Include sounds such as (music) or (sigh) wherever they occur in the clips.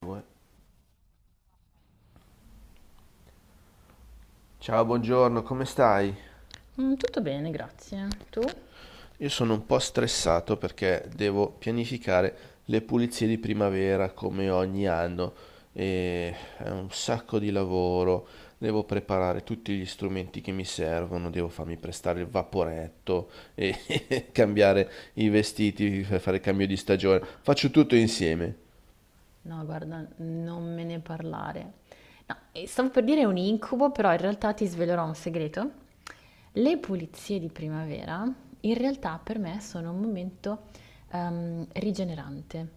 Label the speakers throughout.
Speaker 1: Due. Ciao, buongiorno, come stai?
Speaker 2: Tutto bene, grazie. Tu?
Speaker 1: Io sono un po' stressato perché devo pianificare le pulizie di primavera come ogni anno e è un sacco di lavoro. Devo preparare tutti gli strumenti che mi servono, devo farmi prestare il vaporetto e (laughs) cambiare i vestiti, fare il cambio di stagione. Faccio tutto insieme.
Speaker 2: No, guarda, non me ne parlare. No, e stavo per dire un incubo, però in realtà ti svelerò un segreto. Le pulizie di primavera in realtà per me sono un momento rigenerante.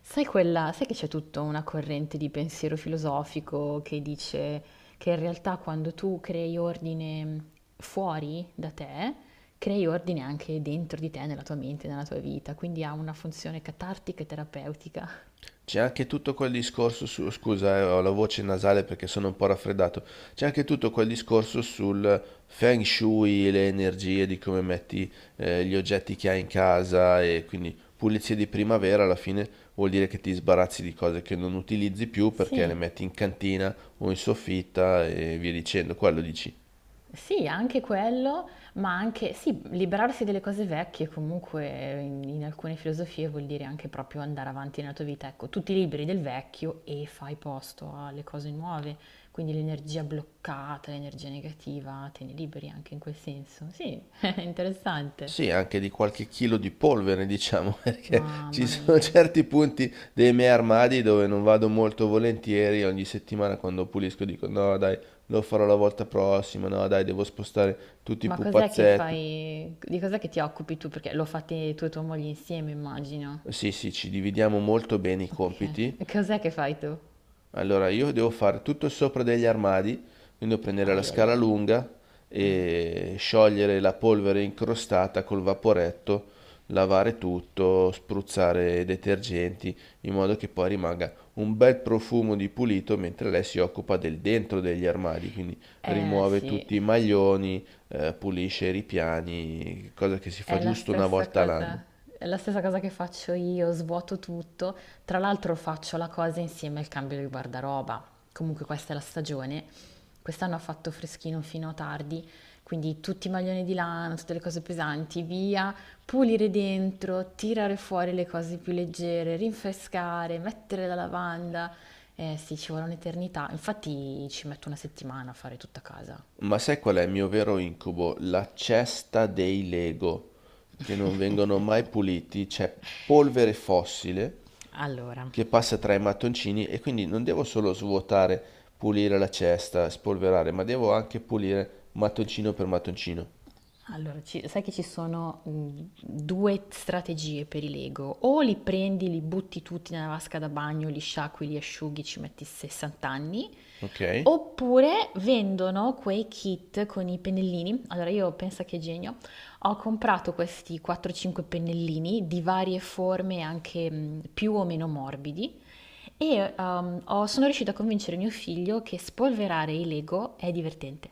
Speaker 2: Sai che c'è tutta una corrente di pensiero filosofico che dice che in realtà quando tu crei ordine fuori da te, crei ordine anche dentro di te, nella tua mente, nella tua vita, quindi ha una funzione catartica e terapeutica.
Speaker 1: C'è anche tutto quel discorso su, scusa, ho la voce nasale perché sono un po' raffreddato. C'è anche tutto quel discorso sul feng shui, le energie, di come metti gli oggetti che hai in casa e quindi pulizie di primavera alla fine vuol dire che ti sbarazzi di cose che non utilizzi più perché le
Speaker 2: Sì,
Speaker 1: metti in cantina o in soffitta e via dicendo. Quello dici.
Speaker 2: sì, anche quello, ma anche, sì, liberarsi delle cose vecchie comunque in alcune filosofie vuol dire anche proprio andare avanti nella tua vita. Ecco, tu ti liberi del vecchio e fai posto alle cose nuove, quindi l'energia bloccata, l'energia negativa, te ne liberi anche in quel senso. Sì, (laughs) è interessante.
Speaker 1: Sì, anche di qualche chilo di polvere, diciamo, (laughs) perché ci
Speaker 2: Mamma
Speaker 1: sono
Speaker 2: mia.
Speaker 1: certi punti dei miei armadi dove non vado molto volentieri. Ogni settimana quando pulisco dico no, dai, lo farò la volta prossima, no, dai, devo spostare tutti i
Speaker 2: Ma cos'è che
Speaker 1: pupazzetti.
Speaker 2: fai, di cos'è che ti occupi tu? Perché lo fate tu e tua moglie insieme, immagino.
Speaker 1: Sì, sì, ci dividiamo molto bene i compiti.
Speaker 2: Ok, cos'è che fai tu?
Speaker 1: Allora, io devo fare tutto sopra degli armadi, quindi devo prendere la
Speaker 2: Ai ai
Speaker 1: scala
Speaker 2: ai.
Speaker 1: lunga e sciogliere la polvere incrostata col vaporetto, lavare tutto, spruzzare detergenti, in modo che poi rimanga un bel profumo di pulito, mentre lei si occupa del dentro degli armadi, quindi
Speaker 2: Eh
Speaker 1: rimuove
Speaker 2: sì,
Speaker 1: tutti i maglioni, pulisce i ripiani, cosa che si fa
Speaker 2: è la
Speaker 1: giusto una
Speaker 2: stessa
Speaker 1: volta all'anno.
Speaker 2: cosa, è la stessa cosa che faccio io, svuoto tutto. Tra l'altro faccio la cosa insieme al cambio di guardaroba. Comunque questa è la stagione. Quest'anno ha fatto freschino fino a tardi, quindi tutti i maglioni di lana, tutte le cose pesanti, via, pulire dentro, tirare fuori le cose più leggere, rinfrescare, mettere la lavanda. Eh sì, ci vuole un'eternità. Infatti ci metto una settimana a fare tutta casa. (laughs)
Speaker 1: Ma sai qual è il mio vero incubo? La cesta dei Lego, che non vengono mai puliti, c'è polvere fossile
Speaker 2: Allora,
Speaker 1: che passa tra i mattoncini e quindi non devo solo svuotare, pulire la cesta, spolverare, ma devo anche pulire mattoncino per mattoncino.
Speaker 2: Sai che ci sono due strategie per i Lego. O li prendi, li butti tutti nella vasca da bagno, li sciacqui, li asciughi, ci metti 60 anni.
Speaker 1: Ok?
Speaker 2: Oppure vendono quei kit con i pennellini. Allora io pensa che genio, ho comprato questi 4-5 pennellini di varie forme, anche più o meno morbidi, e sono riuscita a convincere mio figlio che spolverare i Lego è divertente.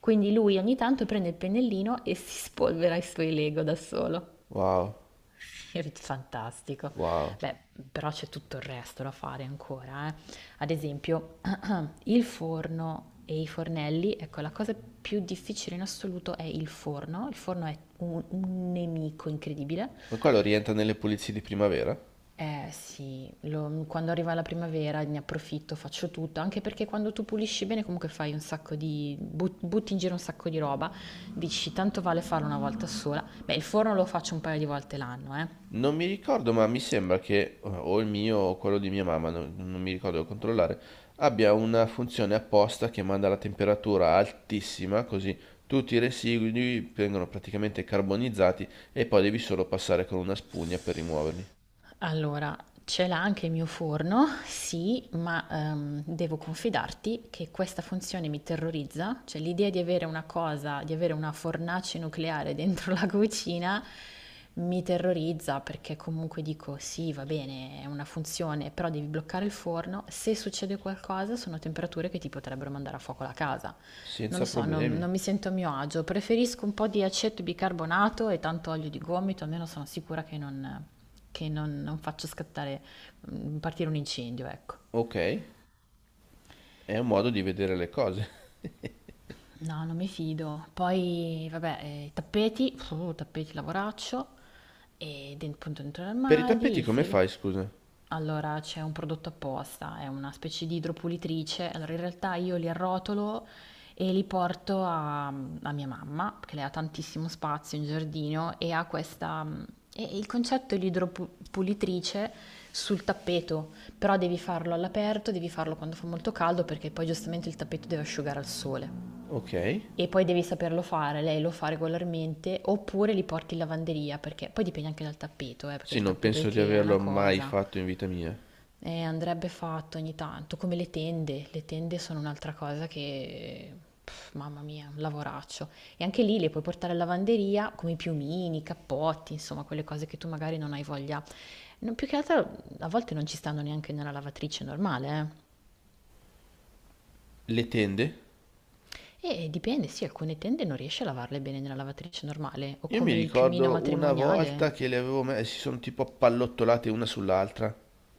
Speaker 2: Quindi lui ogni tanto prende il pennellino e si spolvera i suoi Lego da solo.
Speaker 1: Wow,
Speaker 2: (laughs) Fantastico.
Speaker 1: wow.
Speaker 2: Beh, però c'è tutto il resto da fare ancora, eh. Ad esempio, (clears throat) (coughs) il forno e i fornelli, ecco, la cosa più difficile in assoluto è il forno. Il forno è un nemico incredibile.
Speaker 1: Ma quello rientra nelle pulizie di primavera?
Speaker 2: Eh sì, quando arriva la primavera ne approfitto, faccio tutto, anche perché quando tu pulisci bene comunque fai un sacco di, butti in giro un sacco di roba, dici tanto vale farlo una volta sola. Beh, il forno lo faccio un paio di volte l'anno, eh.
Speaker 1: Non mi ricordo, ma mi sembra che o il mio o quello di mia mamma, non mi ricordo, devo controllare, abbia una funzione apposta che manda la temperatura altissima, così tutti i residui vengono praticamente carbonizzati e poi devi solo passare con una spugna per rimuoverli.
Speaker 2: Allora, ce l'ha anche il mio forno, sì, ma devo confidarti che questa funzione mi terrorizza, cioè l'idea di avere una cosa, di avere una fornace nucleare dentro (laughs) la cucina mi terrorizza perché comunque dico sì, va bene, è una funzione, però devi bloccare il forno, se succede qualcosa sono temperature che ti potrebbero mandare a fuoco la casa. Non lo
Speaker 1: Senza
Speaker 2: so,
Speaker 1: problemi.
Speaker 2: non mi sento a mio agio. Preferisco un po' di aceto bicarbonato e tanto olio di gomito, almeno sono sicura che non, non faccio scattare, partire un incendio, ecco.
Speaker 1: Ok, è un modo di vedere le cose.
Speaker 2: No, non mi fido. Poi, vabbè, i tappeti, tappeti lavoraccio, e appunto dentro
Speaker 1: Per i
Speaker 2: l'armadio,
Speaker 1: tappeti
Speaker 2: il
Speaker 1: come
Speaker 2: frigo.
Speaker 1: fai, scusa?
Speaker 2: Allora, c'è un prodotto apposta, è una specie di idropulitrice. Allora, in realtà io li arrotolo e li porto a mia mamma, che lei ha tantissimo spazio in giardino e ha questa... E il concetto è l'idropulitrice sul tappeto, però devi farlo all'aperto, devi farlo quando fa molto caldo perché poi giustamente il tappeto deve asciugare al sole.
Speaker 1: Ok.
Speaker 2: E poi devi saperlo fare, lei lo fa regolarmente, oppure li porti in lavanderia, perché poi dipende anche dal tappeto, perché
Speaker 1: Sì,
Speaker 2: il
Speaker 1: non
Speaker 2: tappeto
Speaker 1: penso di
Speaker 2: IKEA è una
Speaker 1: averlo mai
Speaker 2: cosa,
Speaker 1: fatto in vita mia.
Speaker 2: andrebbe fatto ogni tanto, come le tende. Le tende sono un'altra cosa che, pff, mamma mia, un lavoraccio. E anche lì le puoi portare in lavanderia come i piumini, i cappotti, insomma, quelle cose che tu magari non hai voglia. Non, più che altro a volte non ci stanno neanche nella lavatrice normale, eh.
Speaker 1: Le tende?
Speaker 2: E dipende, sì, alcune tende non riesci a lavarle bene nella lavatrice normale, o
Speaker 1: Io mi
Speaker 2: come il piumino
Speaker 1: ricordo una
Speaker 2: matrimoniale.
Speaker 1: volta che le avevo messe, si sono tipo appallottolate una sull'altra.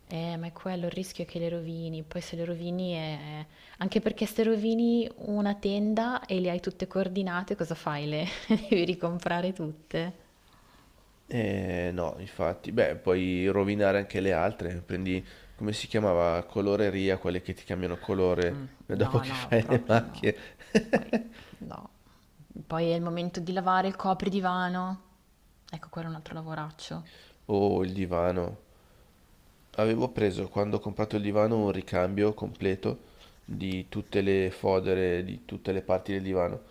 Speaker 2: Ma è quello il rischio è che le rovini, poi se le rovini è... anche perché se rovini una tenda e le hai tutte coordinate, cosa fai? Le (laughs) devi ricomprare tutte?
Speaker 1: Eh no, infatti, beh, puoi rovinare anche le altre. Prendi, come si chiamava? Coloreria, quelle che ti cambiano
Speaker 2: Mm,
Speaker 1: colore dopo
Speaker 2: no,
Speaker 1: che (laughs)
Speaker 2: no,
Speaker 1: fai le
Speaker 2: proprio no.
Speaker 1: macchie.
Speaker 2: Poi,
Speaker 1: (laughs)
Speaker 2: no. Poi è il momento di lavare il copridivano. Ecco, quello è un altro lavoraccio.
Speaker 1: Oh, il divano. Avevo preso quando ho comprato il divano un ricambio completo di tutte le fodere, di tutte le parti del divano.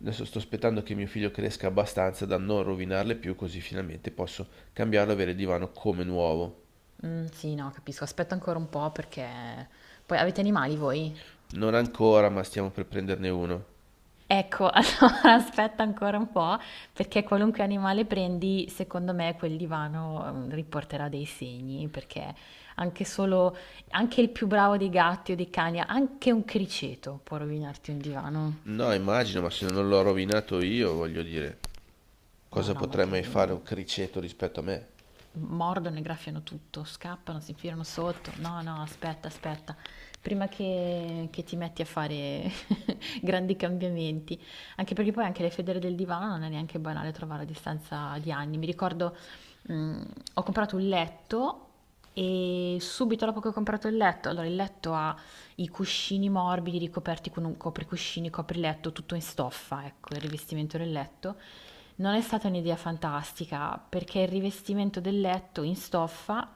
Speaker 1: Adesso sto aspettando che mio figlio cresca abbastanza da non rovinarle più, così finalmente posso cambiarlo e avere il divano come nuovo.
Speaker 2: Mm, sì, no, capisco. Aspetta ancora un po' perché... Poi avete animali voi?
Speaker 1: Non ancora, ma stiamo per prenderne uno.
Speaker 2: Ecco, (laughs) allora aspetta ancora un po', perché qualunque animale prendi, secondo me quel divano riporterà dei segni, perché anche solo, anche il più bravo dei gatti o dei cani, anche un criceto può rovinarti un divano.
Speaker 1: No, immagino, ma se non l'ho rovinato io, voglio dire,
Speaker 2: No,
Speaker 1: cosa
Speaker 2: no, ma
Speaker 1: potrai mai fare
Speaker 2: credimi,
Speaker 1: un criceto rispetto a me?
Speaker 2: mordono e graffiano tutto, scappano, si infilano sotto. No, no, aspetta, aspetta, prima che ti metti a fare (laughs) (laughs) grandi cambiamenti, anche perché poi anche le federe del divano non è neanche banale trovare a distanza di anni. Mi ricordo, mh, ho comprato un letto e subito dopo che ho comprato il letto, allora il letto ha i cuscini morbidi ricoperti con un copricuscini, copriletto, tutto in stoffa, ecco, il rivestimento del letto. Non è stata un'idea fantastica perché il rivestimento del letto in stoffa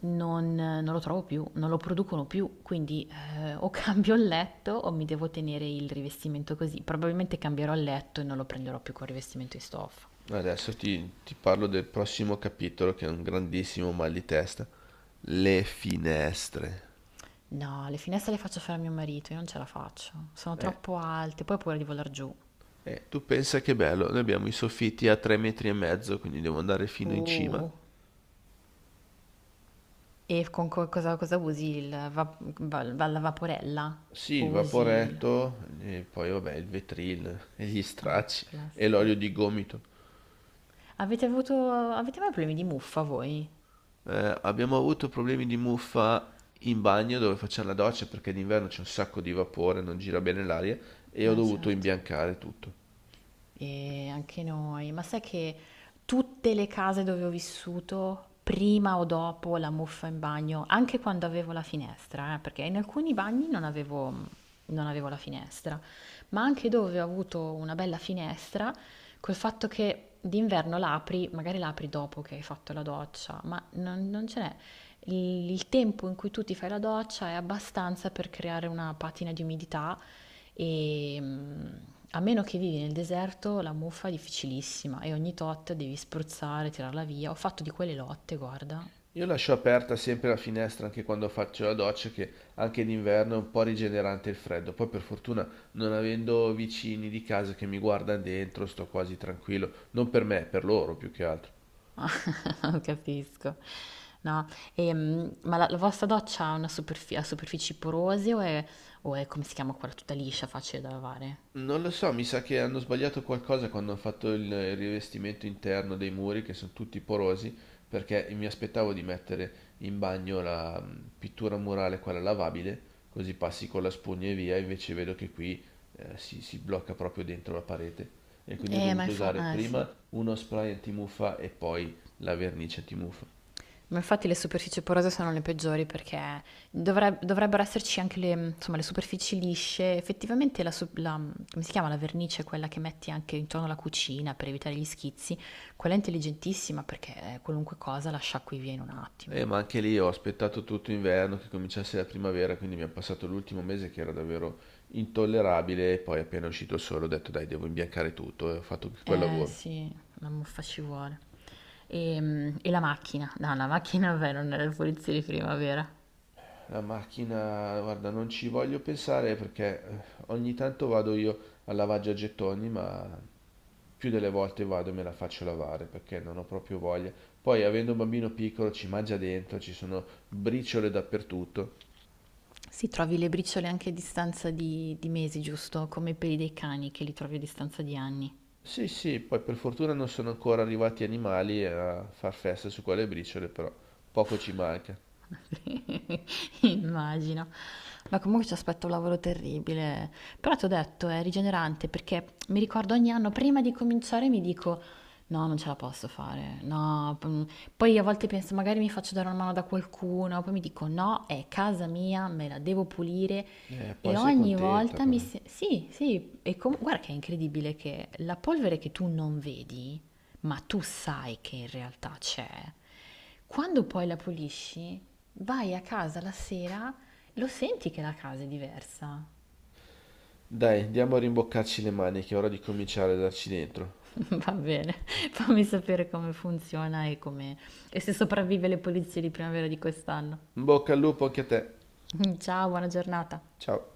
Speaker 2: non lo trovo più, non lo producono più, quindi o (laughs) cambio il letto o mi devo tenere il rivestimento così. Probabilmente cambierò il letto e non lo prenderò più col rivestimento in stoffa.
Speaker 1: Adesso ti parlo del prossimo capitolo, che è un grandissimo mal di testa. Le finestre.
Speaker 2: No, le finestre le faccio fare a mio marito, io non ce la faccio, sono
Speaker 1: Eh,
Speaker 2: troppo alte, poi ho paura di volar giù.
Speaker 1: tu pensa che bello, noi abbiamo i soffitti a 3 metri e mezzo, quindi devo andare fino in cima.
Speaker 2: Uh, E con cosa usi? Il la vaporella?
Speaker 1: Sì,
Speaker 2: O
Speaker 1: il
Speaker 2: usi il...
Speaker 1: vaporetto, e poi vabbè, il vetril, e gli
Speaker 2: Ah,
Speaker 1: stracci, e
Speaker 2: classico.
Speaker 1: l'olio di gomito.
Speaker 2: Avete avuto... Avete mai problemi di muffa voi?
Speaker 1: Abbiamo avuto problemi di muffa in bagno dove facciamo la doccia perché d'inverno c'è un sacco di vapore, non gira bene l'aria, e ho dovuto
Speaker 2: Certo.
Speaker 1: imbiancare tutto.
Speaker 2: E anche noi, ma sai che tutte le case dove ho vissuto, prima o dopo la muffa in bagno, anche quando avevo la finestra, perché in alcuni bagni non avevo la finestra, ma anche dove ho avuto una bella finestra, col fatto che d'inverno l'apri, magari l'apri dopo che hai fatto la doccia, ma non ce n'è. Il tempo in cui tu ti fai la doccia è abbastanza per creare una patina di umidità e a meno che vivi nel deserto, la muffa è difficilissima e ogni tot devi spruzzare, tirarla via. Ho fatto di quelle lotte, guarda.
Speaker 1: Io lascio aperta sempre la finestra anche quando faccio la doccia, che anche d'inverno è un po' rigenerante il freddo. Poi per fortuna non avendo vicini di casa che mi guardano dentro, sto quasi tranquillo. Non per me, per loro più che altro.
Speaker 2: (laughs) Non capisco. No, ma la vostra doccia ha una ha superfici porose o è, come si chiama quella, tutta liscia, facile da lavare?
Speaker 1: Non lo so, mi sa che hanno sbagliato qualcosa quando hanno fatto il rivestimento interno dei muri, che sono tutti porosi, perché mi aspettavo di mettere in bagno la pittura murale, quella lavabile, così passi con la spugna e via, invece vedo che qui si blocca proprio dentro la parete. E quindi ho
Speaker 2: Ma
Speaker 1: dovuto
Speaker 2: infatti,
Speaker 1: usare
Speaker 2: eh sì.
Speaker 1: prima uno spray antimuffa e poi la vernice antimuffa.
Speaker 2: Ma infatti le superfici porose sono le peggiori perché dovrebbero esserci anche le, insomma, le superfici lisce. Effettivamente come si chiama? La vernice, quella che metti anche intorno alla cucina per evitare gli schizzi, quella è intelligentissima perché qualunque cosa la sciacqui via in un attimo.
Speaker 1: Ma anche lì ho aspettato tutto inverno che cominciasse la primavera, quindi mi è passato l'ultimo mese che era davvero intollerabile e poi appena uscito il sole ho detto dai, devo imbiancare tutto e ho fatto quel
Speaker 2: Eh
Speaker 1: lavoro.
Speaker 2: sì, la muffa ci vuole. E la macchina? No, la macchina vabbè, non è la pulizia di primavera.
Speaker 1: La macchina, guarda, non ci voglio pensare perché ogni tanto vado io al lavaggio a gettoni, ma più delle volte vado e me la faccio lavare perché non ho proprio voglia. Poi, avendo un bambino piccolo, ci mangia dentro, ci sono briciole dappertutto.
Speaker 2: Sì, trovi le briciole anche a distanza di mesi, giusto? Come i peli dei cani che li trovi a distanza di anni.
Speaker 1: Sì, sì, poi per fortuna non sono ancora arrivati animali a far festa su quelle briciole, però poco ci manca.
Speaker 2: (laughs) Immagino. Ma comunque ci aspetta un lavoro terribile però ti ho detto, è rigenerante perché mi ricordo ogni anno, prima di cominciare mi dico, no, non ce la posso fare, no. Poi a volte penso, magari mi faccio dare una mano da qualcuno, poi mi dico, no, è casa mia, me la devo pulire.
Speaker 1: Poi
Speaker 2: E
Speaker 1: sei
Speaker 2: ogni
Speaker 1: contenta
Speaker 2: volta mi...
Speaker 1: però.
Speaker 2: se- Sì, sì, guarda che è incredibile che la polvere che tu non vedi, ma tu sai che in realtà c'è, quando poi la pulisci, vai a casa la sera, lo senti che la casa è diversa.
Speaker 1: Dai, andiamo a rimboccarci le maniche, è ora di cominciare a darci dentro.
Speaker 2: (laughs) Va bene, fammi sapere come funziona e come e se sopravvive le pulizie di primavera di quest'anno.
Speaker 1: In bocca al lupo anche a te.
Speaker 2: (laughs) Ciao, buona giornata.
Speaker 1: Ciao.